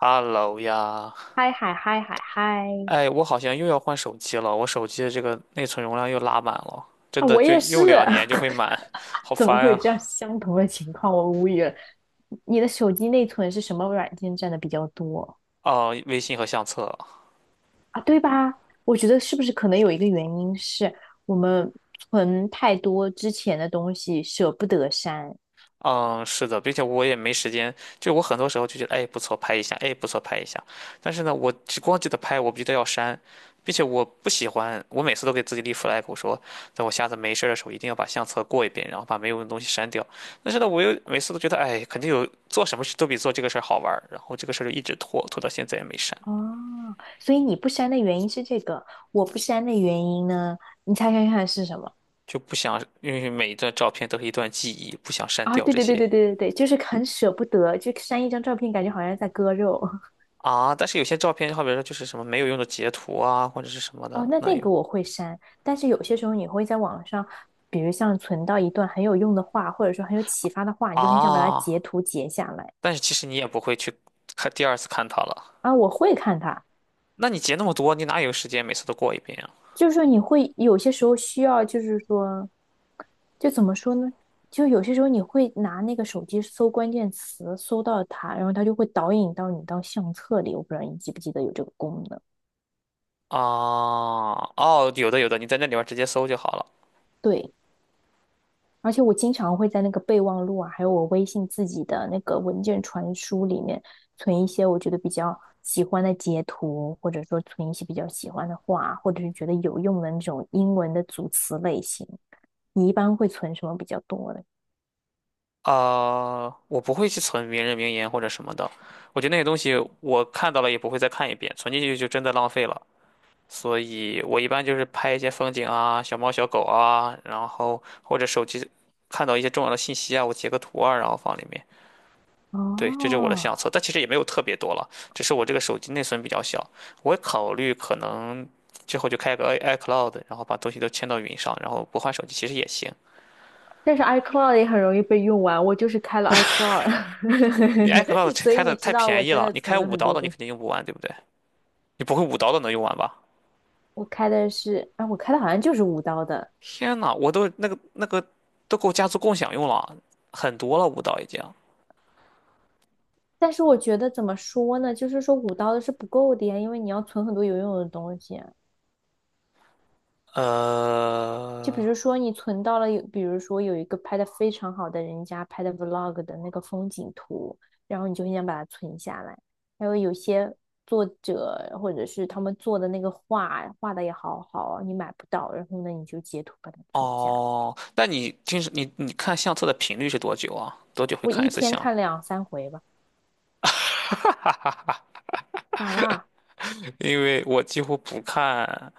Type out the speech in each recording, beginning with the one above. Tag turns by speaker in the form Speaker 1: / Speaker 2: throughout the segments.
Speaker 1: Hello 呀，
Speaker 2: 嗨嗨嗨嗨嗨！
Speaker 1: 哎，我好像又要换手机了，我手机的这个内存容量又拉满了，真
Speaker 2: 啊，
Speaker 1: 的
Speaker 2: 我
Speaker 1: 就
Speaker 2: 也是，
Speaker 1: 用2年就会满，好
Speaker 2: 怎么
Speaker 1: 烦
Speaker 2: 会有
Speaker 1: 啊！
Speaker 2: 这样相同的情况？我无语了。你的手机内存是什么软件占的比较多
Speaker 1: 哦，微信和相册。
Speaker 2: 啊？对吧？我觉得是不是可能有一个原因是我们存太多之前的东西，舍不得删
Speaker 1: 嗯，是的，并且我也没时间，就我很多时候就觉得，哎，不错，拍一下，哎，不错，拍一下。但是呢，我只光记得拍，我不记得要删，并且我不喜欢，我每次都给自己立 flag，我说，等我下次没事儿的时候，一定要把相册过一遍，然后把没有用的东西删掉。但是呢，我又每次都觉得，哎，肯定有做什么事都比做这个事儿好玩儿，然后这个事儿就一直拖，拖到现在也没删，
Speaker 2: 哦。所以你不删的原因是这个，我不删的原因呢？你猜猜看是什么？
Speaker 1: 就不想，因为每一段照片都是一段记忆，不想删
Speaker 2: 啊，
Speaker 1: 掉
Speaker 2: 对
Speaker 1: 这
Speaker 2: 对对
Speaker 1: 些
Speaker 2: 对对对对，就是很舍不得，就删一张照片，感觉好像在割肉。
Speaker 1: 啊。但是有些照片，好比说就是什么没有用的截图啊，或者是什么
Speaker 2: 哦，
Speaker 1: 的，
Speaker 2: 那
Speaker 1: 那
Speaker 2: 那
Speaker 1: 有。
Speaker 2: 个我会删，但是有些时候你会在网上，比如像存到一段很有用的话，或者说很有启发的话，你就很想把它
Speaker 1: 啊，
Speaker 2: 截图截下来
Speaker 1: 但是其实你也不会去看第二次看它了。
Speaker 2: 啊。我会看它，
Speaker 1: 那你截那么多，你哪有时间每次都过一遍
Speaker 2: 就是说你会有些时候需要，就是说，就怎么说呢？就有些时候你会拿那个手机搜关键词，搜到它，然后它就会导引到你到相册里。我不知道你记不记得有这个功能。
Speaker 1: 啊？啊，哦，有的有的，你在那里边儿直接搜就好了。
Speaker 2: 对，而且我经常会在那个备忘录啊，还有我微信自己的那个文件传输里面存一些我觉得比较喜欢的截图，或者说存一些比较喜欢的话，或者是觉得有用的那种英文的组词类型。你一般会存什么比较多的？
Speaker 1: 啊，我不会去存名人名言或者什么的，我觉得那些东西我看到了也不会再看一遍，存进去就真的浪费了。所以我一般就是拍一些风景啊、小猫小狗啊，然后或者手机看到一些重要的信息啊，我截个图啊，然后放里面。对，这就是我的
Speaker 2: 哦，
Speaker 1: 相册，但其实也没有特别多了，只是我这个手机内存比较小。我考虑可能之后就开个 iCloud，然后把东西都迁到云上，然后不换手机其实也行。
Speaker 2: 但是 iCloud 也很容易被用完，我就是开了 iCloud，
Speaker 1: 你 iCloud 这
Speaker 2: 所以
Speaker 1: 开的
Speaker 2: 你知
Speaker 1: 太
Speaker 2: 道我
Speaker 1: 便宜
Speaker 2: 真
Speaker 1: 了，
Speaker 2: 的
Speaker 1: 你
Speaker 2: 存
Speaker 1: 开
Speaker 2: 了
Speaker 1: 五
Speaker 2: 很
Speaker 1: 刀
Speaker 2: 多
Speaker 1: 的你
Speaker 2: 东西。
Speaker 1: 肯定用不完，对不对？你不会五刀的能用完吧？
Speaker 2: 我开的是，啊，我开的好像就是五刀的，
Speaker 1: 天呐，我都那个都够家族共享用了，很多了，五刀已经。
Speaker 2: 但是我觉得怎么说呢，就是说五刀的是不够的呀，因为你要存很多有用的东西啊。就比
Speaker 1: 呃，
Speaker 2: 如说你存到了有，比如说有一个拍的非常好的人家拍的 vlog 的那个风景图，然后你就很想把它存下来。还有有些作者或者是他们做的那个画，画的也好好，你买不到，然后呢你就截图把它存下来。
Speaker 1: 哦，那你平时你看相册的频率是多久啊？多久会
Speaker 2: 我
Speaker 1: 看一
Speaker 2: 一
Speaker 1: 次
Speaker 2: 天
Speaker 1: 相？
Speaker 2: 看2、3回吧，咋啦？
Speaker 1: 因为我几乎不看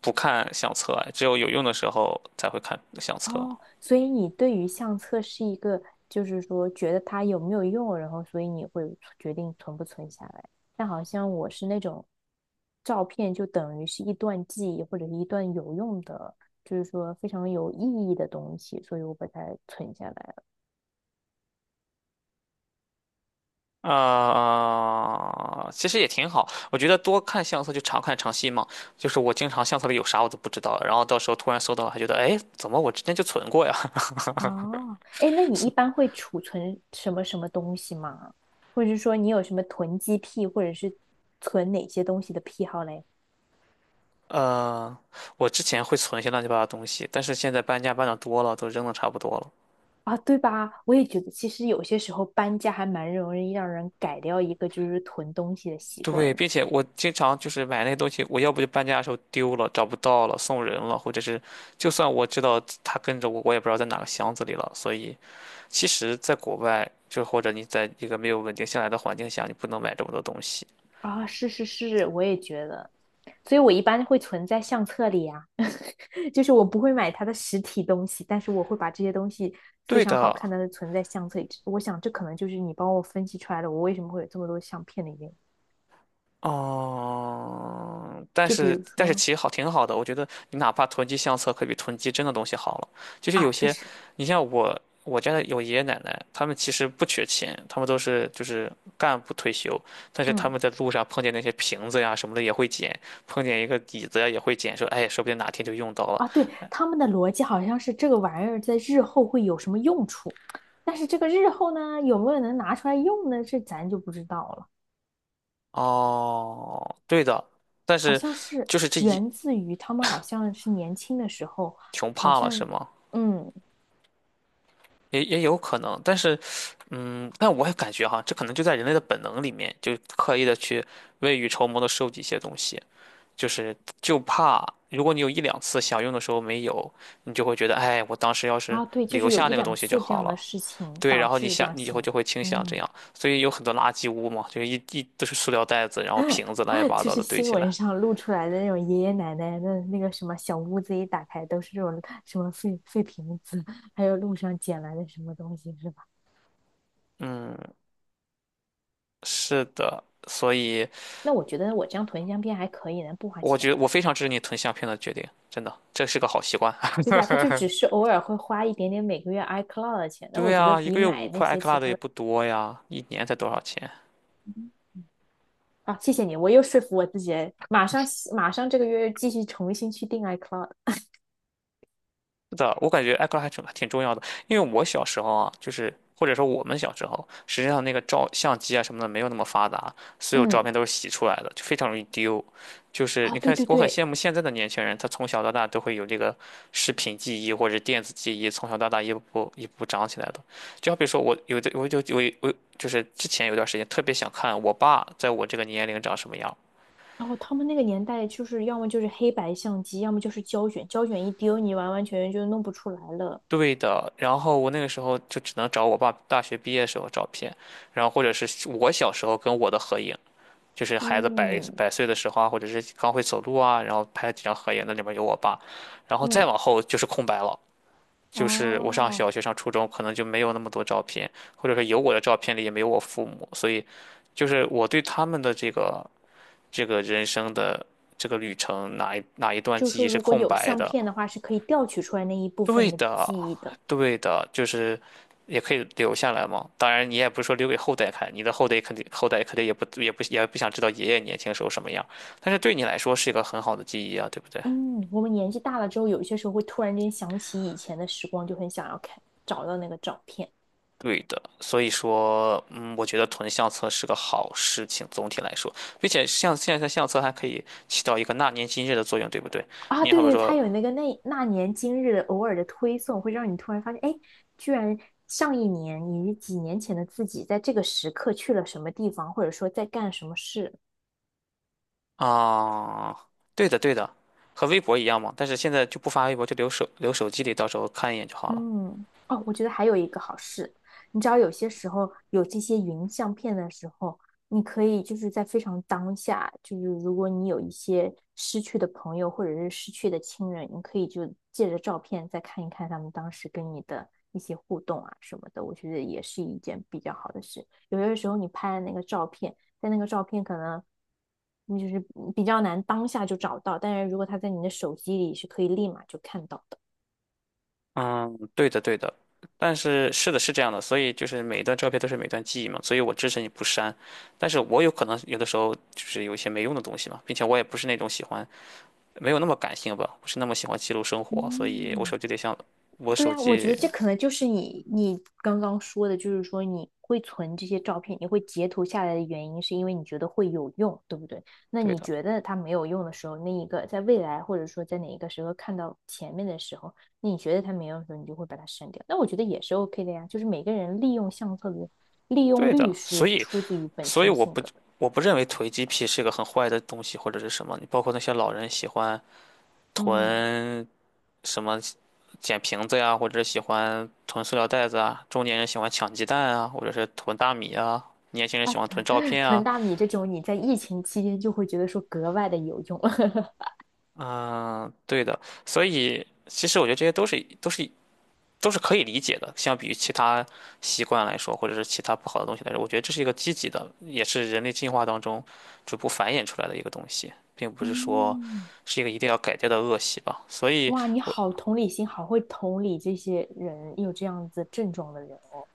Speaker 1: 不看相册，只有有用的时候才会看相册。
Speaker 2: 哦，所以你对于相册是一个，就是说觉得它有没有用，然后所以你会决定存不存下来。但好像我是那种照片就等于是一段记忆或者是一段有用的，就是说非常有意义的东西，所以我把它存下来了。
Speaker 1: 啊、其实也挺好。我觉得多看相册就常看常新嘛。就是我经常相册里有啥我都不知道，然后到时候突然搜到了，还觉得哎，怎么我之前就存过呀？
Speaker 2: 哦，哎，那你一般会储存什么什么东西吗？或者是说你有什么囤积癖，或者是存哪些东西的癖好嘞？
Speaker 1: 呃，我之前会存一些乱七八糟的东西，但是现在搬家搬的多了，都扔的差不多了。
Speaker 2: 啊，对吧？我也觉得，其实有些时候搬家还蛮容易让人改掉一个就是囤东西的习
Speaker 1: 对，
Speaker 2: 惯
Speaker 1: 并且我经常就是买那些东西，我要不就搬家的时候丢了，找不到了，送人了，或者是就算我知道它跟着我，我也不知道在哪个箱子里了，所以。其实，在国外，就或者你在一个没有稳定下来的环境下，你不能买这么多东西。
Speaker 2: 啊。是是是，我也觉得，所以我一般会存在相册里啊，就是我不会买它的实体东西，但是我会把这些东西非
Speaker 1: 对
Speaker 2: 常好
Speaker 1: 的，
Speaker 2: 看的存在相册里。我想这可能就是你帮我分析出来的，我为什么会有这么多相片的原因。
Speaker 1: 嗯，但
Speaker 2: 就比
Speaker 1: 是
Speaker 2: 如
Speaker 1: 但是
Speaker 2: 说
Speaker 1: 其实好挺好的，我觉得你哪怕囤积相册，可比囤积真的东西好了。就是
Speaker 2: 啊，
Speaker 1: 有
Speaker 2: 确
Speaker 1: 些，
Speaker 2: 实，
Speaker 1: 你像我家的有爷爷奶奶，他们其实不缺钱，他们都是就是干部退休，但是他
Speaker 2: 嗯。
Speaker 1: 们在路上碰见那些瓶子呀什么的也会捡，碰见一个椅子呀也会捡，说哎，说不定哪天就用到了。
Speaker 2: 啊，对，他们的逻辑好像是这个玩意儿在日后会有什么用处，但是这个日后呢，有没有能拿出来用呢？这咱就不知道了。
Speaker 1: 哦，对的，但
Speaker 2: 好
Speaker 1: 是
Speaker 2: 像是
Speaker 1: 就是这一
Speaker 2: 源自于他们好像是年轻的时候，
Speaker 1: 穷
Speaker 2: 好
Speaker 1: 怕了是
Speaker 2: 像
Speaker 1: 吗？
Speaker 2: 嗯
Speaker 1: 也也有可能，但是，嗯，但我也感觉哈，这可能就在人类的本能里面，就刻意的去未雨绸缪的收集一些东西，就是就怕如果你有一两次想用的时候没有，你就会觉得，哎，我当时要是
Speaker 2: 啊，对，就
Speaker 1: 留
Speaker 2: 是有
Speaker 1: 下
Speaker 2: 一
Speaker 1: 那个
Speaker 2: 两
Speaker 1: 东西就
Speaker 2: 次这
Speaker 1: 好
Speaker 2: 样的
Speaker 1: 了。
Speaker 2: 事情
Speaker 1: 对，
Speaker 2: 导
Speaker 1: 然后你
Speaker 2: 致这
Speaker 1: 想，
Speaker 2: 样
Speaker 1: 你以后
Speaker 2: 性
Speaker 1: 就
Speaker 2: 格，
Speaker 1: 会倾向这
Speaker 2: 嗯，
Speaker 1: 样，所以有很多垃圾屋嘛，就是一都是塑料袋子，然后瓶子乱七 八
Speaker 2: 就
Speaker 1: 糟
Speaker 2: 是
Speaker 1: 的堆
Speaker 2: 新
Speaker 1: 起来。
Speaker 2: 闻上露出来的那种爷爷奶奶的那个什么小屋子一打开都是这种什么废废瓶子，还有路上捡来的什么东西是吧？
Speaker 1: 嗯，是的，所以
Speaker 2: 那我觉得我这样囤相片还可以呢，不花
Speaker 1: 我觉
Speaker 2: 钱，
Speaker 1: 得我非常支持你囤相片的决定，真的，这是个好习惯。
Speaker 2: 对吧？他就只是偶尔会花一点点每个月 iCloud 的钱，那我
Speaker 1: 对
Speaker 2: 觉得
Speaker 1: 啊，一
Speaker 2: 比
Speaker 1: 个月五
Speaker 2: 买那
Speaker 1: 块，i
Speaker 2: 些
Speaker 1: c l 克
Speaker 2: 其
Speaker 1: u 的
Speaker 2: 他
Speaker 1: 也
Speaker 2: 的
Speaker 1: 不多呀，一年才多少钱？
Speaker 2: 啊，谢谢你，我又说服我自己马上马上这个月继续重新去订 iCloud。
Speaker 1: 是的，我感觉 I c 克 o 还挺重要的，因为我小时候啊，就是或者说我们小时候，实际上那个照相机啊什么的没有那么发达，所有照
Speaker 2: 嗯，
Speaker 1: 片都是洗出来的，就非常容易丢。就是
Speaker 2: 啊，
Speaker 1: 你
Speaker 2: 对
Speaker 1: 看，
Speaker 2: 对
Speaker 1: 我很
Speaker 2: 对，
Speaker 1: 羡慕现在的年轻人，他从小到大都会有这个视频记忆或者电子记忆，从小到大一步步长起来的。就好比说我有的，我就是之前有段时间特别想看我爸在我这个年龄长什么样，
Speaker 2: 然后他们那个年代就是要么就是黑白相机，要么就是胶卷，胶卷一丢你完完全全就弄不出来了。
Speaker 1: 对的，然后我那个时候就只能找我爸大学毕业时候照片，然后或者是我小时候跟我的合影，就是孩子百
Speaker 2: 嗯
Speaker 1: 百岁的时候啊，或者是刚会走路啊，然后拍了几张合影，那里面有我爸，然后再
Speaker 2: 嗯，
Speaker 1: 往后就是空白了，就是我上
Speaker 2: 哦，
Speaker 1: 小学上初中可能就没有那么多照片，或者说有我的照片里也没有我父母，所以就是我对他们的这个人生的这个旅程哪一段
Speaker 2: 就是
Speaker 1: 记
Speaker 2: 说
Speaker 1: 忆是
Speaker 2: 如果
Speaker 1: 空
Speaker 2: 有
Speaker 1: 白
Speaker 2: 相
Speaker 1: 的。
Speaker 2: 片的话，是可以调取出来那一部
Speaker 1: 对
Speaker 2: 分的
Speaker 1: 的，
Speaker 2: 记忆的。
Speaker 1: 对的，就是也可以留下来嘛。当然，你也不是说留给后代看，你的后代肯定也不想知道爷爷年轻时候什么样，但是对你来说是一个很好的记忆啊，对不对？
Speaker 2: 嗯，我们年纪大了之后，有一些时候会突然间想起以前的时光，就很想要看，找到那个照片
Speaker 1: 对的，所以说，嗯，我觉得囤相册是个好事情，总体来说，并且像现在的相册还可以起到一个纳年今日的作用，对不对？
Speaker 2: 啊。
Speaker 1: 你
Speaker 2: 对
Speaker 1: 好比
Speaker 2: 对，它
Speaker 1: 说，
Speaker 2: 有那个那那年今日的偶尔的推送，会让你突然发现，哎，居然上一年你几年前的自己，在这个时刻去了什么地方，或者说在干什么事。
Speaker 1: 啊、对的对的，和微博一样嘛，但是现在就不发微博，就留手机里，到时候看一眼就好了。
Speaker 2: 嗯，哦，我觉得还有一个好事，你知道有些时候有这些云相片的时候，你可以就是在非常当下，就是如果你有一些失去的朋友或者是失去的亲人，你可以就借着照片再看一看他们当时跟你的一些互动啊什么的，我觉得也是一件比较好的事。有些时候你拍的那个照片，在那个照片可能你就是比较难当下就找到，但是如果它在你的手机里是可以立马就看到的。
Speaker 1: 嗯，对的，对的，但是是的，是这样的，所以就是每一段照片都是每段记忆嘛，所以我支持你不删，但是我有可能有的时候就是有一些没用的东西嘛，并且我也不是那种喜欢，没有那么感性吧，不是那么喜欢记录生活，所以我手
Speaker 2: 嗯，
Speaker 1: 机得像我
Speaker 2: 对
Speaker 1: 手
Speaker 2: 呀，我觉得
Speaker 1: 机，
Speaker 2: 这可能就是你你刚刚说的，就是说你会存这些照片，你会截图下来的原因，是因为你觉得会有用，对不对？那
Speaker 1: 对
Speaker 2: 你
Speaker 1: 的，
Speaker 2: 觉得它没有用的时候，那一个在未来或者说在哪一个时候看到前面的时候，那你觉得它没用的时候，你就会把它删掉。那我觉得也是 OK 的呀，就是每个人利用相册的利用
Speaker 1: 对
Speaker 2: 率
Speaker 1: 的，所
Speaker 2: 是
Speaker 1: 以
Speaker 2: 出自于本
Speaker 1: 所以
Speaker 2: 性
Speaker 1: 我
Speaker 2: 性
Speaker 1: 不
Speaker 2: 格的。
Speaker 1: 我不认为囤积癖是个很坏的东西或者是什么，你包括那些老人喜欢
Speaker 2: 嗯，
Speaker 1: 囤什么捡瓶子呀，或者是喜欢囤塑料袋子啊，中年人喜欢抢鸡蛋啊，或者是囤大米啊，年轻人喜欢囤照 片
Speaker 2: 囤
Speaker 1: 啊。
Speaker 2: 大米这种，你在疫情期间就会觉得说格外的有用。
Speaker 1: 嗯，对的，所以其实我觉得这些都是可以理解的，相比于其他习惯来说，或者是其他不好的东西来说，我觉得这是一个积极的，也是人类进化当中逐步繁衍出来的一个东西，并不是说
Speaker 2: 嗯。
Speaker 1: 是一个一定要改掉的恶习吧。所以
Speaker 2: 哇，你
Speaker 1: 我，
Speaker 2: 好同理心，好会同理这些人有这样子症状的人哦。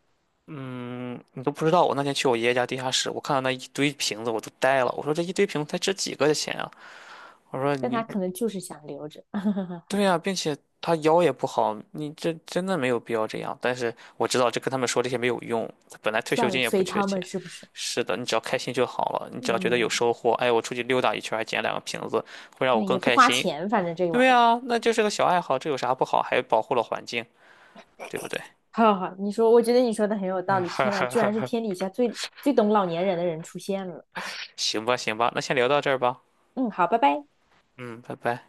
Speaker 1: 嗯，你都不知道，我那天去我爷爷家地下室，我看到那一堆瓶子，我都呆了。我说这一堆瓶子才值几个的钱啊！我说
Speaker 2: 但他
Speaker 1: 你，
Speaker 2: 可能就是想留着，
Speaker 1: 对 呀、并且他腰也不好，你这真的没有必要这样。但是我知道这跟他们说这些没有用，他本来退休
Speaker 2: 算
Speaker 1: 金
Speaker 2: 了，
Speaker 1: 也不
Speaker 2: 随
Speaker 1: 缺
Speaker 2: 他
Speaker 1: 钱。
Speaker 2: 们是不是？
Speaker 1: 是的，你只要开心就好了，你只要觉得有
Speaker 2: 嗯，
Speaker 1: 收获，哎，我出去溜达一圈还捡2个瓶子，会让我
Speaker 2: 那
Speaker 1: 更
Speaker 2: 也不
Speaker 1: 开
Speaker 2: 花
Speaker 1: 心。
Speaker 2: 钱，反正这个玩
Speaker 1: 对
Speaker 2: 意儿
Speaker 1: 呀、那就是个小爱好，这有啥不好？还保护了环境，对不对？
Speaker 2: 好好，好，你说，我觉得你说的很有道理。天呐，居然是天底下最最懂老年人的人出现了。
Speaker 1: 行吧，行吧，那先聊到这儿吧。
Speaker 2: 嗯，好，拜拜。
Speaker 1: 嗯，拜拜。